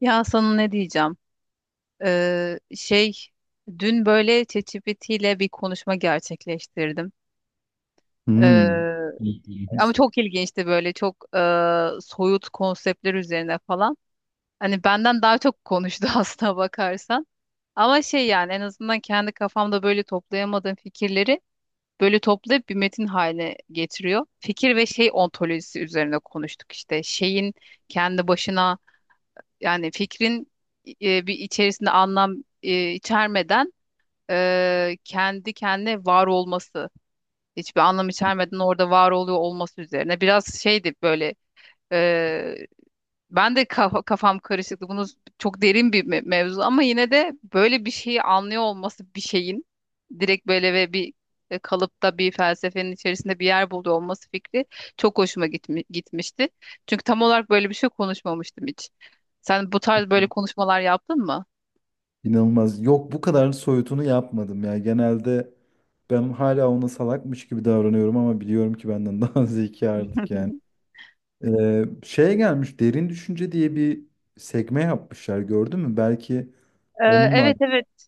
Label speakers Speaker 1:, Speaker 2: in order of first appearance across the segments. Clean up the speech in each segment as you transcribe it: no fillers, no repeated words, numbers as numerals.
Speaker 1: Ya sana ne diyeceğim? Şey dün böyle ChatGPT ile bir konuşma gerçekleştirdim.
Speaker 2: Hmm,
Speaker 1: Ee, ama
Speaker 2: bildiğiniz
Speaker 1: çok ilginçti böyle çok soyut konseptler üzerine falan. Hani benden daha çok konuştu aslına bakarsan. Ama şey yani en azından kendi kafamda böyle toplayamadığım fikirleri böyle toplayıp bir metin haline getiriyor. Fikir ve şey ontolojisi üzerine konuştuk işte. Şeyin kendi başına, yani fikrin, bir içerisinde anlam içermeden, kendi kendine var olması, hiçbir anlam içermeden orada var oluyor olması üzerine. Biraz şeydi böyle. e, Ben de kafam karışıktı. Bunu çok derin bir mevzu ama yine de böyle bir şeyi anlıyor olması, bir şeyin direkt böyle ve bir kalıpta bir felsefenin içerisinde bir yer buluyor olması fikri çok hoşuma gitmişti. Çünkü tam olarak böyle bir şey konuşmamıştım hiç. Sen bu tarz böyle konuşmalar yaptın mı?
Speaker 2: inanılmaz. Yok, bu kadar soyutunu yapmadım ya. Genelde ben hala ona salakmış gibi davranıyorum ama biliyorum ki benden daha zeki artık yani. Şeye gelmiş, derin düşünce diye bir sekme yapmışlar, gördün mü? Belki
Speaker 1: Ee,
Speaker 2: onunla
Speaker 1: evet, evet.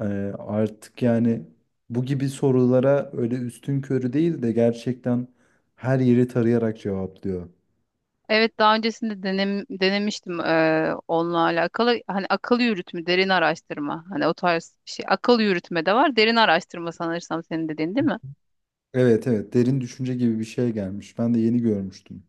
Speaker 2: e, artık yani bu gibi sorulara öyle üstün körü değil de gerçekten her yeri tarayarak cevaplıyor.
Speaker 1: Evet, daha öncesinde denemiştim onunla alakalı hani akıl yürütme, derin araştırma. Hani o tarz bir şey, akıl yürütme de var, derin araştırma sanırsam senin dediğin, değil mi?
Speaker 2: Evet evet, derin düşünce gibi bir şey gelmiş. Ben de yeni görmüştüm.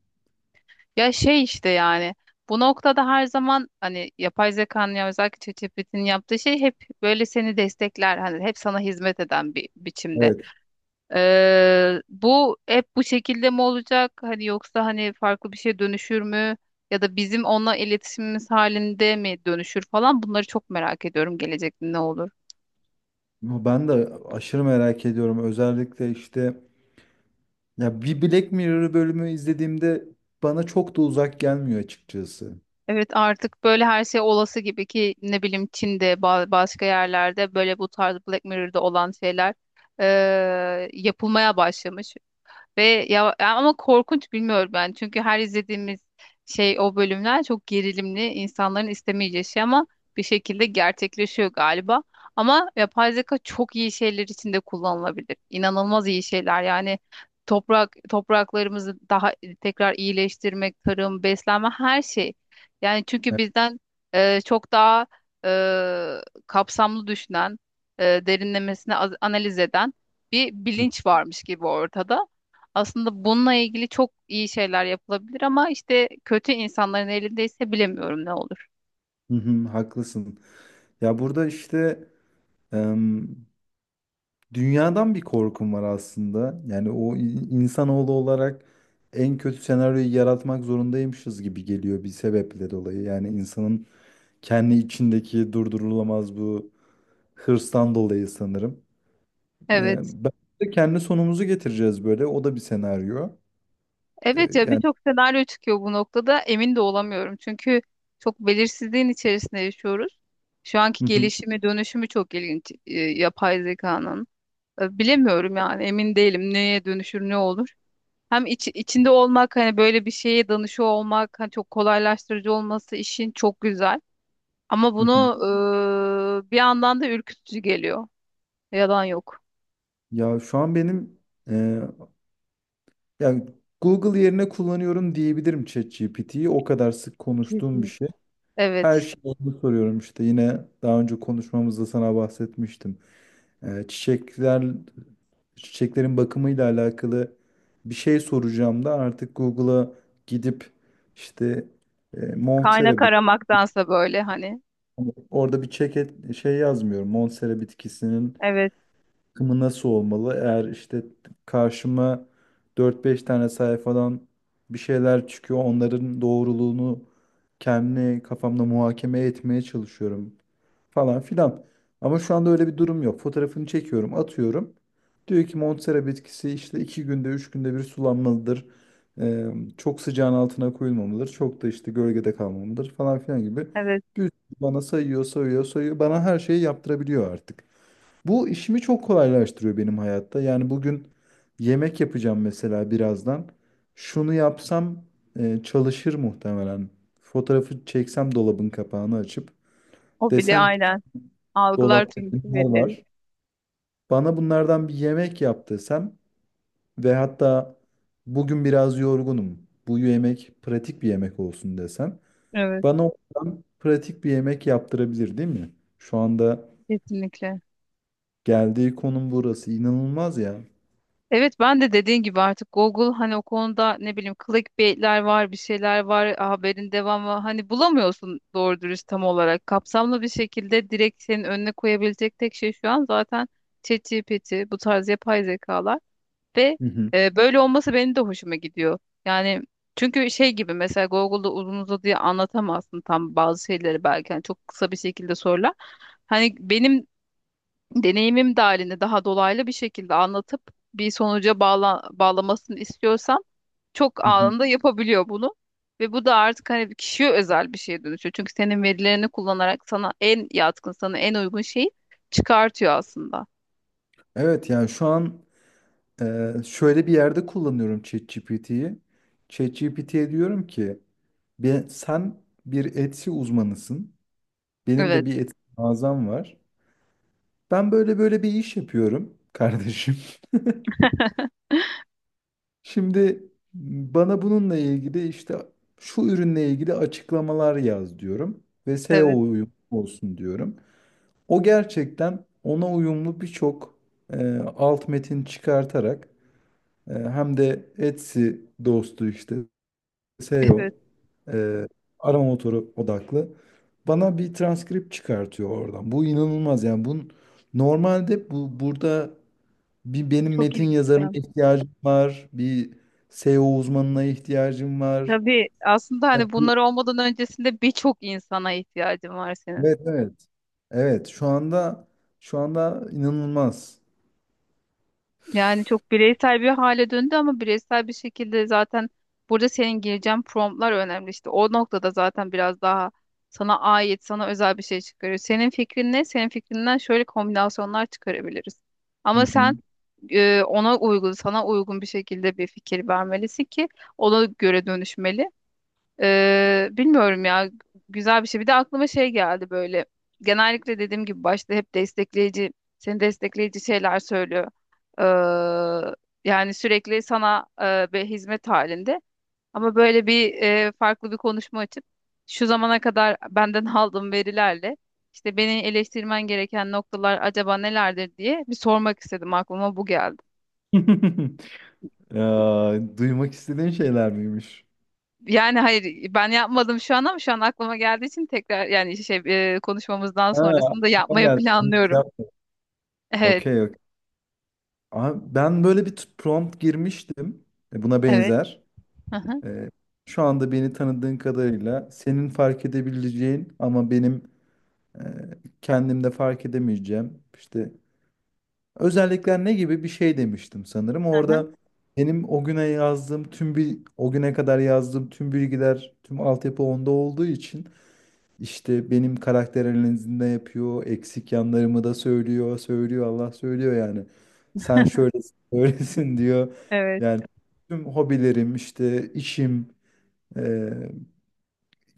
Speaker 1: Ya şey işte yani bu noktada her zaman hani yapay zekanın, ya özellikle ChatGPT'nin yaptığı şey hep böyle seni destekler hani, hep sana hizmet eden bir biçimde.
Speaker 2: Evet.
Speaker 1: Bu hep bu şekilde mi olacak hani, yoksa hani farklı bir şeye dönüşür mü ya da bizim onunla iletişimimiz halinde mi dönüşür falan? Bunları çok merak ediyorum, gelecekte ne olur.
Speaker 2: Ya ben de aşırı merak ediyorum. Özellikle işte ya bir Black Mirror bölümü izlediğimde bana çok da uzak gelmiyor açıkçası.
Speaker 1: Evet, artık böyle her şey olası gibi. Ki ne bileyim, Çin'de başka yerlerde böyle bu tarz Black Mirror'da olan şeyler yapılmaya başlamış. Ve ya ama korkunç, bilmiyorum ben. Çünkü her izlediğimiz şey, o bölümler çok gerilimli, insanların istemeyeceği şey ama bir şekilde gerçekleşiyor galiba. Ama yapay zeka çok iyi şeyler için de kullanılabilir. İnanılmaz iyi şeyler. Yani topraklarımızı daha, tekrar iyileştirmek, tarım, beslenme, her şey. Yani çünkü
Speaker 2: Evet.
Speaker 1: bizden çok daha kapsamlı düşünen, derinlemesine analiz eden bir bilinç varmış gibi ortada. Aslında bununla ilgili çok iyi şeyler yapılabilir ama işte kötü insanların elindeyse bilemiyorum ne olur.
Speaker 2: Hı hı, haklısın. Ya burada işte em, dünyadan bir korkum var aslında. Yani o insanoğlu olarak en kötü senaryoyu yaratmak zorundaymışız gibi geliyor bir sebeple dolayı. Yani insanın kendi içindeki durdurulamaz bu hırstan dolayı sanırım. Ee,
Speaker 1: Evet.
Speaker 2: Ben de kendi sonumuzu getireceğiz böyle. O da bir senaryo. Ee,
Speaker 1: Evet, ya
Speaker 2: yani
Speaker 1: birçok senaryo çıkıyor bu noktada. Emin de olamıyorum. Çünkü çok belirsizliğin içerisinde yaşıyoruz. Şu anki
Speaker 2: Hı hı,
Speaker 1: gelişimi, dönüşümü çok ilginç yapay zekanın. Bilemiyorum yani, emin değilim neye dönüşür, ne olur. Hem içinde olmak, hani böyle bir şeye danışıyor olmak, hani çok kolaylaştırıcı olması işin çok güzel. Ama
Speaker 2: hı
Speaker 1: bunu
Speaker 2: hı.
Speaker 1: bir yandan da ürkütücü geliyor. Yalan yok.
Speaker 2: Ya şu an benim, e, yani Google yerine kullanıyorum diyebilirim ChatGPT'yi. O kadar sık konuştuğum bir
Speaker 1: Kesin.
Speaker 2: şey. Her
Speaker 1: Evet.
Speaker 2: şeyi ona soruyorum işte. Yine daha önce konuşmamızda sana bahsetmiştim. Ee, çiçekler çiçeklerin bakımıyla alakalı bir şey soracağım da artık Google'a gidip işte, Montera.
Speaker 1: Kaynak aramaktansa böyle hani.
Speaker 2: Hani orada bir çeket şey yazmıyorum. Monstera bitkisinin
Speaker 1: Evet,
Speaker 2: akımı nasıl olmalı? Eğer işte karşıma dört beş tane sayfadan bir şeyler çıkıyor, onların doğruluğunu kendi kafamda muhakeme etmeye çalışıyorum falan filan. Ama şu anda öyle bir durum yok. Fotoğrafını çekiyorum, atıyorum. Diyor ki Monstera bitkisi işte iki günde, üç günde bir sulanmalıdır. Ee, Çok sıcağın altına koyulmamalıdır. Çok da işte gölgede kalmamalıdır falan filan gibi.
Speaker 1: evet.
Speaker 2: Bir sürü bana sayıyor, sayıyor, sayıyor. Bana her şeyi yaptırabiliyor artık. Bu işimi çok kolaylaştırıyor benim hayatta. Yani bugün yemek yapacağım mesela birazdan. Şunu yapsam çalışır muhtemelen. Fotoğrafı çeksem, dolabın kapağını açıp
Speaker 1: O bile,
Speaker 2: desem ki "Şu
Speaker 1: aynen. Algılar
Speaker 2: dolapta
Speaker 1: tüm
Speaker 2: bunlar
Speaker 1: verileri.
Speaker 2: var. Bana bunlardan bir yemek yap" desem ve hatta bugün biraz yorgunum, bu yemek pratik bir yemek olsun desem,
Speaker 1: Evet,
Speaker 2: bana oradan pratik bir yemek yaptırabilir değil mi? Şu anda
Speaker 1: kesinlikle.
Speaker 2: geldiği konum burası. İnanılmaz ya.
Speaker 1: Evet, ben de dediğin gibi artık Google hani o konuda ne bileyim, clickbaitler var, bir şeyler var, haberin devamı hani bulamıyorsun doğru dürüst tam olarak. Kapsamlı bir şekilde direkt senin önüne koyabilecek tek şey şu an zaten ChatGPT, bu tarz yapay zekalar. Ve
Speaker 2: Hı hı.
Speaker 1: böyle olması benim de hoşuma gidiyor. Yani çünkü şey gibi, mesela Google'da uzun uzadıya anlatamazsın tam bazı şeyleri belki. Yani çok kısa bir şekilde sorular. Hani benim deneyimim dahilinde daha dolaylı bir şekilde anlatıp bir sonuca bağlamasını istiyorsam çok
Speaker 2: Hı hı.
Speaker 1: anında yapabiliyor bunu. Ve bu da artık hani kişiye özel bir şeye dönüşüyor. Çünkü senin verilerini kullanarak sana en yatkın, sana en uygun şeyi çıkartıyor aslında.
Speaker 2: Evet yani şu an şöyle bir yerde kullanıyorum ChatGPT'yi. ChatGPT'ye diyorum ki: Sen bir Etsy uzmanısın. Benim de
Speaker 1: Evet,
Speaker 2: bir Etsy mağazam var. Ben böyle böyle bir iş yapıyorum kardeşim." Şimdi bana bununla ilgili işte şu ürünle ilgili açıklamalar yaz diyorum ve
Speaker 1: evet,
Speaker 2: SEO uyumlu olsun diyorum. O gerçekten ona uyumlu birçok alt metin çıkartarak, hem de Etsy dostu, işte SEO,
Speaker 1: evet.
Speaker 2: e, O, e, arama motoru odaklı. Bana bir transkript çıkartıyor oradan. Bu inanılmaz yani. Bunun normalde, bu burada, benim
Speaker 1: Çok
Speaker 2: metin
Speaker 1: ilginç.
Speaker 2: yazarına ihtiyacım var. Bir SEO uzmanına ihtiyacım var.
Speaker 1: Tabii aslında
Speaker 2: Ya
Speaker 1: hani
Speaker 2: bu-
Speaker 1: bunlar olmadan öncesinde birçok insana ihtiyacın var senin.
Speaker 2: Evet evet. Evet şu anda inanılmaz.
Speaker 1: Yani çok bireysel bir hale döndü ama bireysel bir şekilde zaten burada senin gireceğin promptlar önemli. İşte o noktada zaten biraz daha sana ait, sana özel bir şey çıkarıyor. Senin fikrin ne? Senin fikrinden şöyle kombinasyonlar çıkarabiliriz.
Speaker 2: Hı
Speaker 1: Ama
Speaker 2: hı.
Speaker 1: sen ona uygun, sana uygun bir şekilde bir fikir vermelisin ki ona göre dönüşmeli. Bilmiyorum ya, güzel bir şey. Bir de aklıma şey geldi böyle. Genellikle dediğim gibi başta hep destekleyici, seni destekleyici şeyler söylüyor. Ee, yani sürekli sana bir hizmet halinde. Ama böyle bir farklı bir konuşma açıp şu zamana kadar benden aldığım verilerle işte beni eleştirmen gereken noktalar acaba nelerdir diye bir sormak istedim. Aklıma bu geldi.
Speaker 2: Ya, duymak istediğin şeyler miymiş?
Speaker 1: Yani hayır, ben yapmadım şu an ama şu an aklıma geldiği için tekrar, yani şey, konuşmamızdan
Speaker 2: Ha,
Speaker 1: sonrasında
Speaker 2: aklıma
Speaker 1: yapmayı
Speaker 2: geldi.
Speaker 1: planlıyorum. Evet,
Speaker 2: Okey, okey. Aha, ben böyle bir prompt girmiştim. Buna
Speaker 1: evet.
Speaker 2: benzer.
Speaker 1: Hı hı,
Speaker 2: E, Şu anda beni tanıdığın kadarıyla senin fark edebileceğin ama benim e, kendimde fark edemeyeceğim işte özellikler ne gibi bir şey demiştim sanırım.
Speaker 1: hı hı.
Speaker 2: Orada benim o güne kadar yazdığım tüm bilgiler, tüm altyapı onda olduğu için İşte benim karakter analizini de yapıyor. Eksik yanlarımı da söylüyor. Söylüyor Allah söylüyor yani. Sen şöylesin böylesin diyor.
Speaker 1: Evet,
Speaker 2: Yani tüm hobilerim, işte işim, e,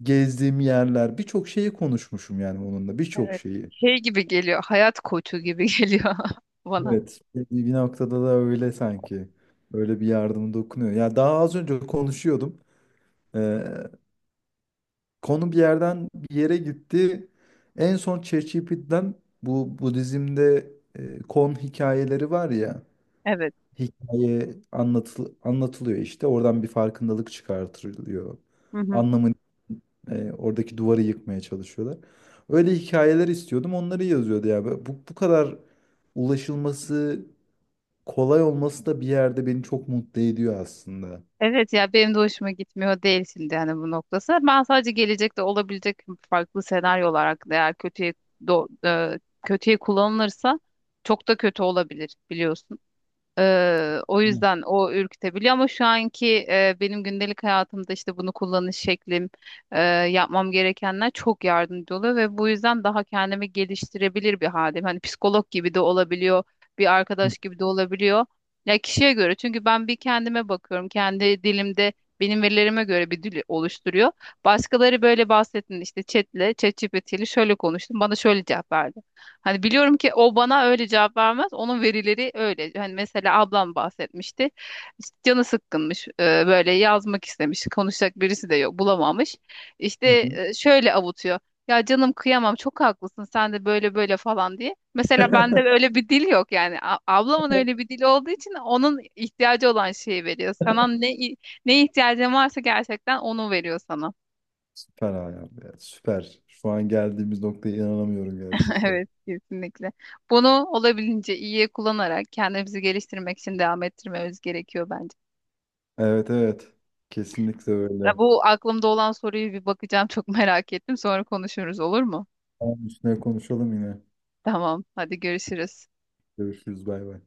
Speaker 2: gezdiğim yerler, birçok şeyi konuşmuşum yani onunla, birçok
Speaker 1: evet.
Speaker 2: şeyi.
Speaker 1: Şey gibi geliyor. Hayat koçu gibi geliyor bana.
Speaker 2: Evet, bir noktada da öyle sanki. Öyle bir yardım dokunuyor. Ya daha az önce konuşuyordum. E, Konu bir yerden bir yere gitti. En son ChatGPT'den, bu Budizm'de kon hikayeleri var ya.
Speaker 1: Evet.
Speaker 2: Hikaye anlatılıyor işte. Oradan bir farkındalık çıkartılıyor.
Speaker 1: Hı hı.
Speaker 2: Anlamını, oradaki duvarı yıkmaya çalışıyorlar. Öyle hikayeler istiyordum. Onları yazıyordu ya. Böyle bu kadar ulaşılması kolay olması da bir yerde beni çok mutlu ediyor aslında.
Speaker 1: Evet, ya benim de hoşuma gitmiyor değil şimdi yani bu noktası. Ben sadece gelecekte olabilecek farklı senaryolar hakkında, eğer kötüye do- e, kötüye kullanılırsa çok da kötü olabilir biliyorsun. O
Speaker 2: Hı.
Speaker 1: yüzden o ürkütebiliyor ama şu anki benim gündelik hayatımda işte bunu kullanış şeklim, eee, yapmam gerekenler çok yardımcı oluyor ve bu yüzden daha kendimi geliştirebilir bir haldeyim. Hani psikolog gibi de olabiliyor, bir arkadaş gibi de olabiliyor. Ya kişiye göre, çünkü ben bir kendime bakıyorum, kendi dilimde benim verilerime göre bir dil oluşturuyor. Başkaları böyle bahsettin işte ChatGPT ile şöyle konuştum, bana şöyle cevap verdi. Hani biliyorum ki o bana öyle cevap vermez. Onun verileri öyle. Hani mesela ablam bahsetmişti. İşte canı sıkkınmış. Böyle yazmak istemiş. Konuşacak birisi de yok. Bulamamış. İşte
Speaker 2: Hı hı.
Speaker 1: şöyle avutuyor. Ya canım, kıyamam, çok haklısın sen de, böyle böyle falan diye. Mesela bende öyle bir dil yok yani. Ablamın öyle bir dili olduğu için onun ihtiyacı olan şeyi veriyor. Sana ne, ihtiyacın varsa gerçekten onu veriyor sana.
Speaker 2: Süper Ayhan ya. Süper. Şu an geldiğimiz noktaya inanamıyorum gerçekten.
Speaker 1: Evet, kesinlikle. Bunu olabildiğince iyiye kullanarak kendimizi geliştirmek için devam ettirmemiz gerekiyor bence.
Speaker 2: Evet evet. Kesinlikle
Speaker 1: Ya
Speaker 2: öyle.
Speaker 1: bu aklımda olan soruyu bir bakacağım. Çok merak ettim. Sonra konuşuruz, olur mu?
Speaker 2: Tamam, üstüne konuşalım yine.
Speaker 1: Tamam, hadi görüşürüz.
Speaker 2: Görüşürüz. Bay bay.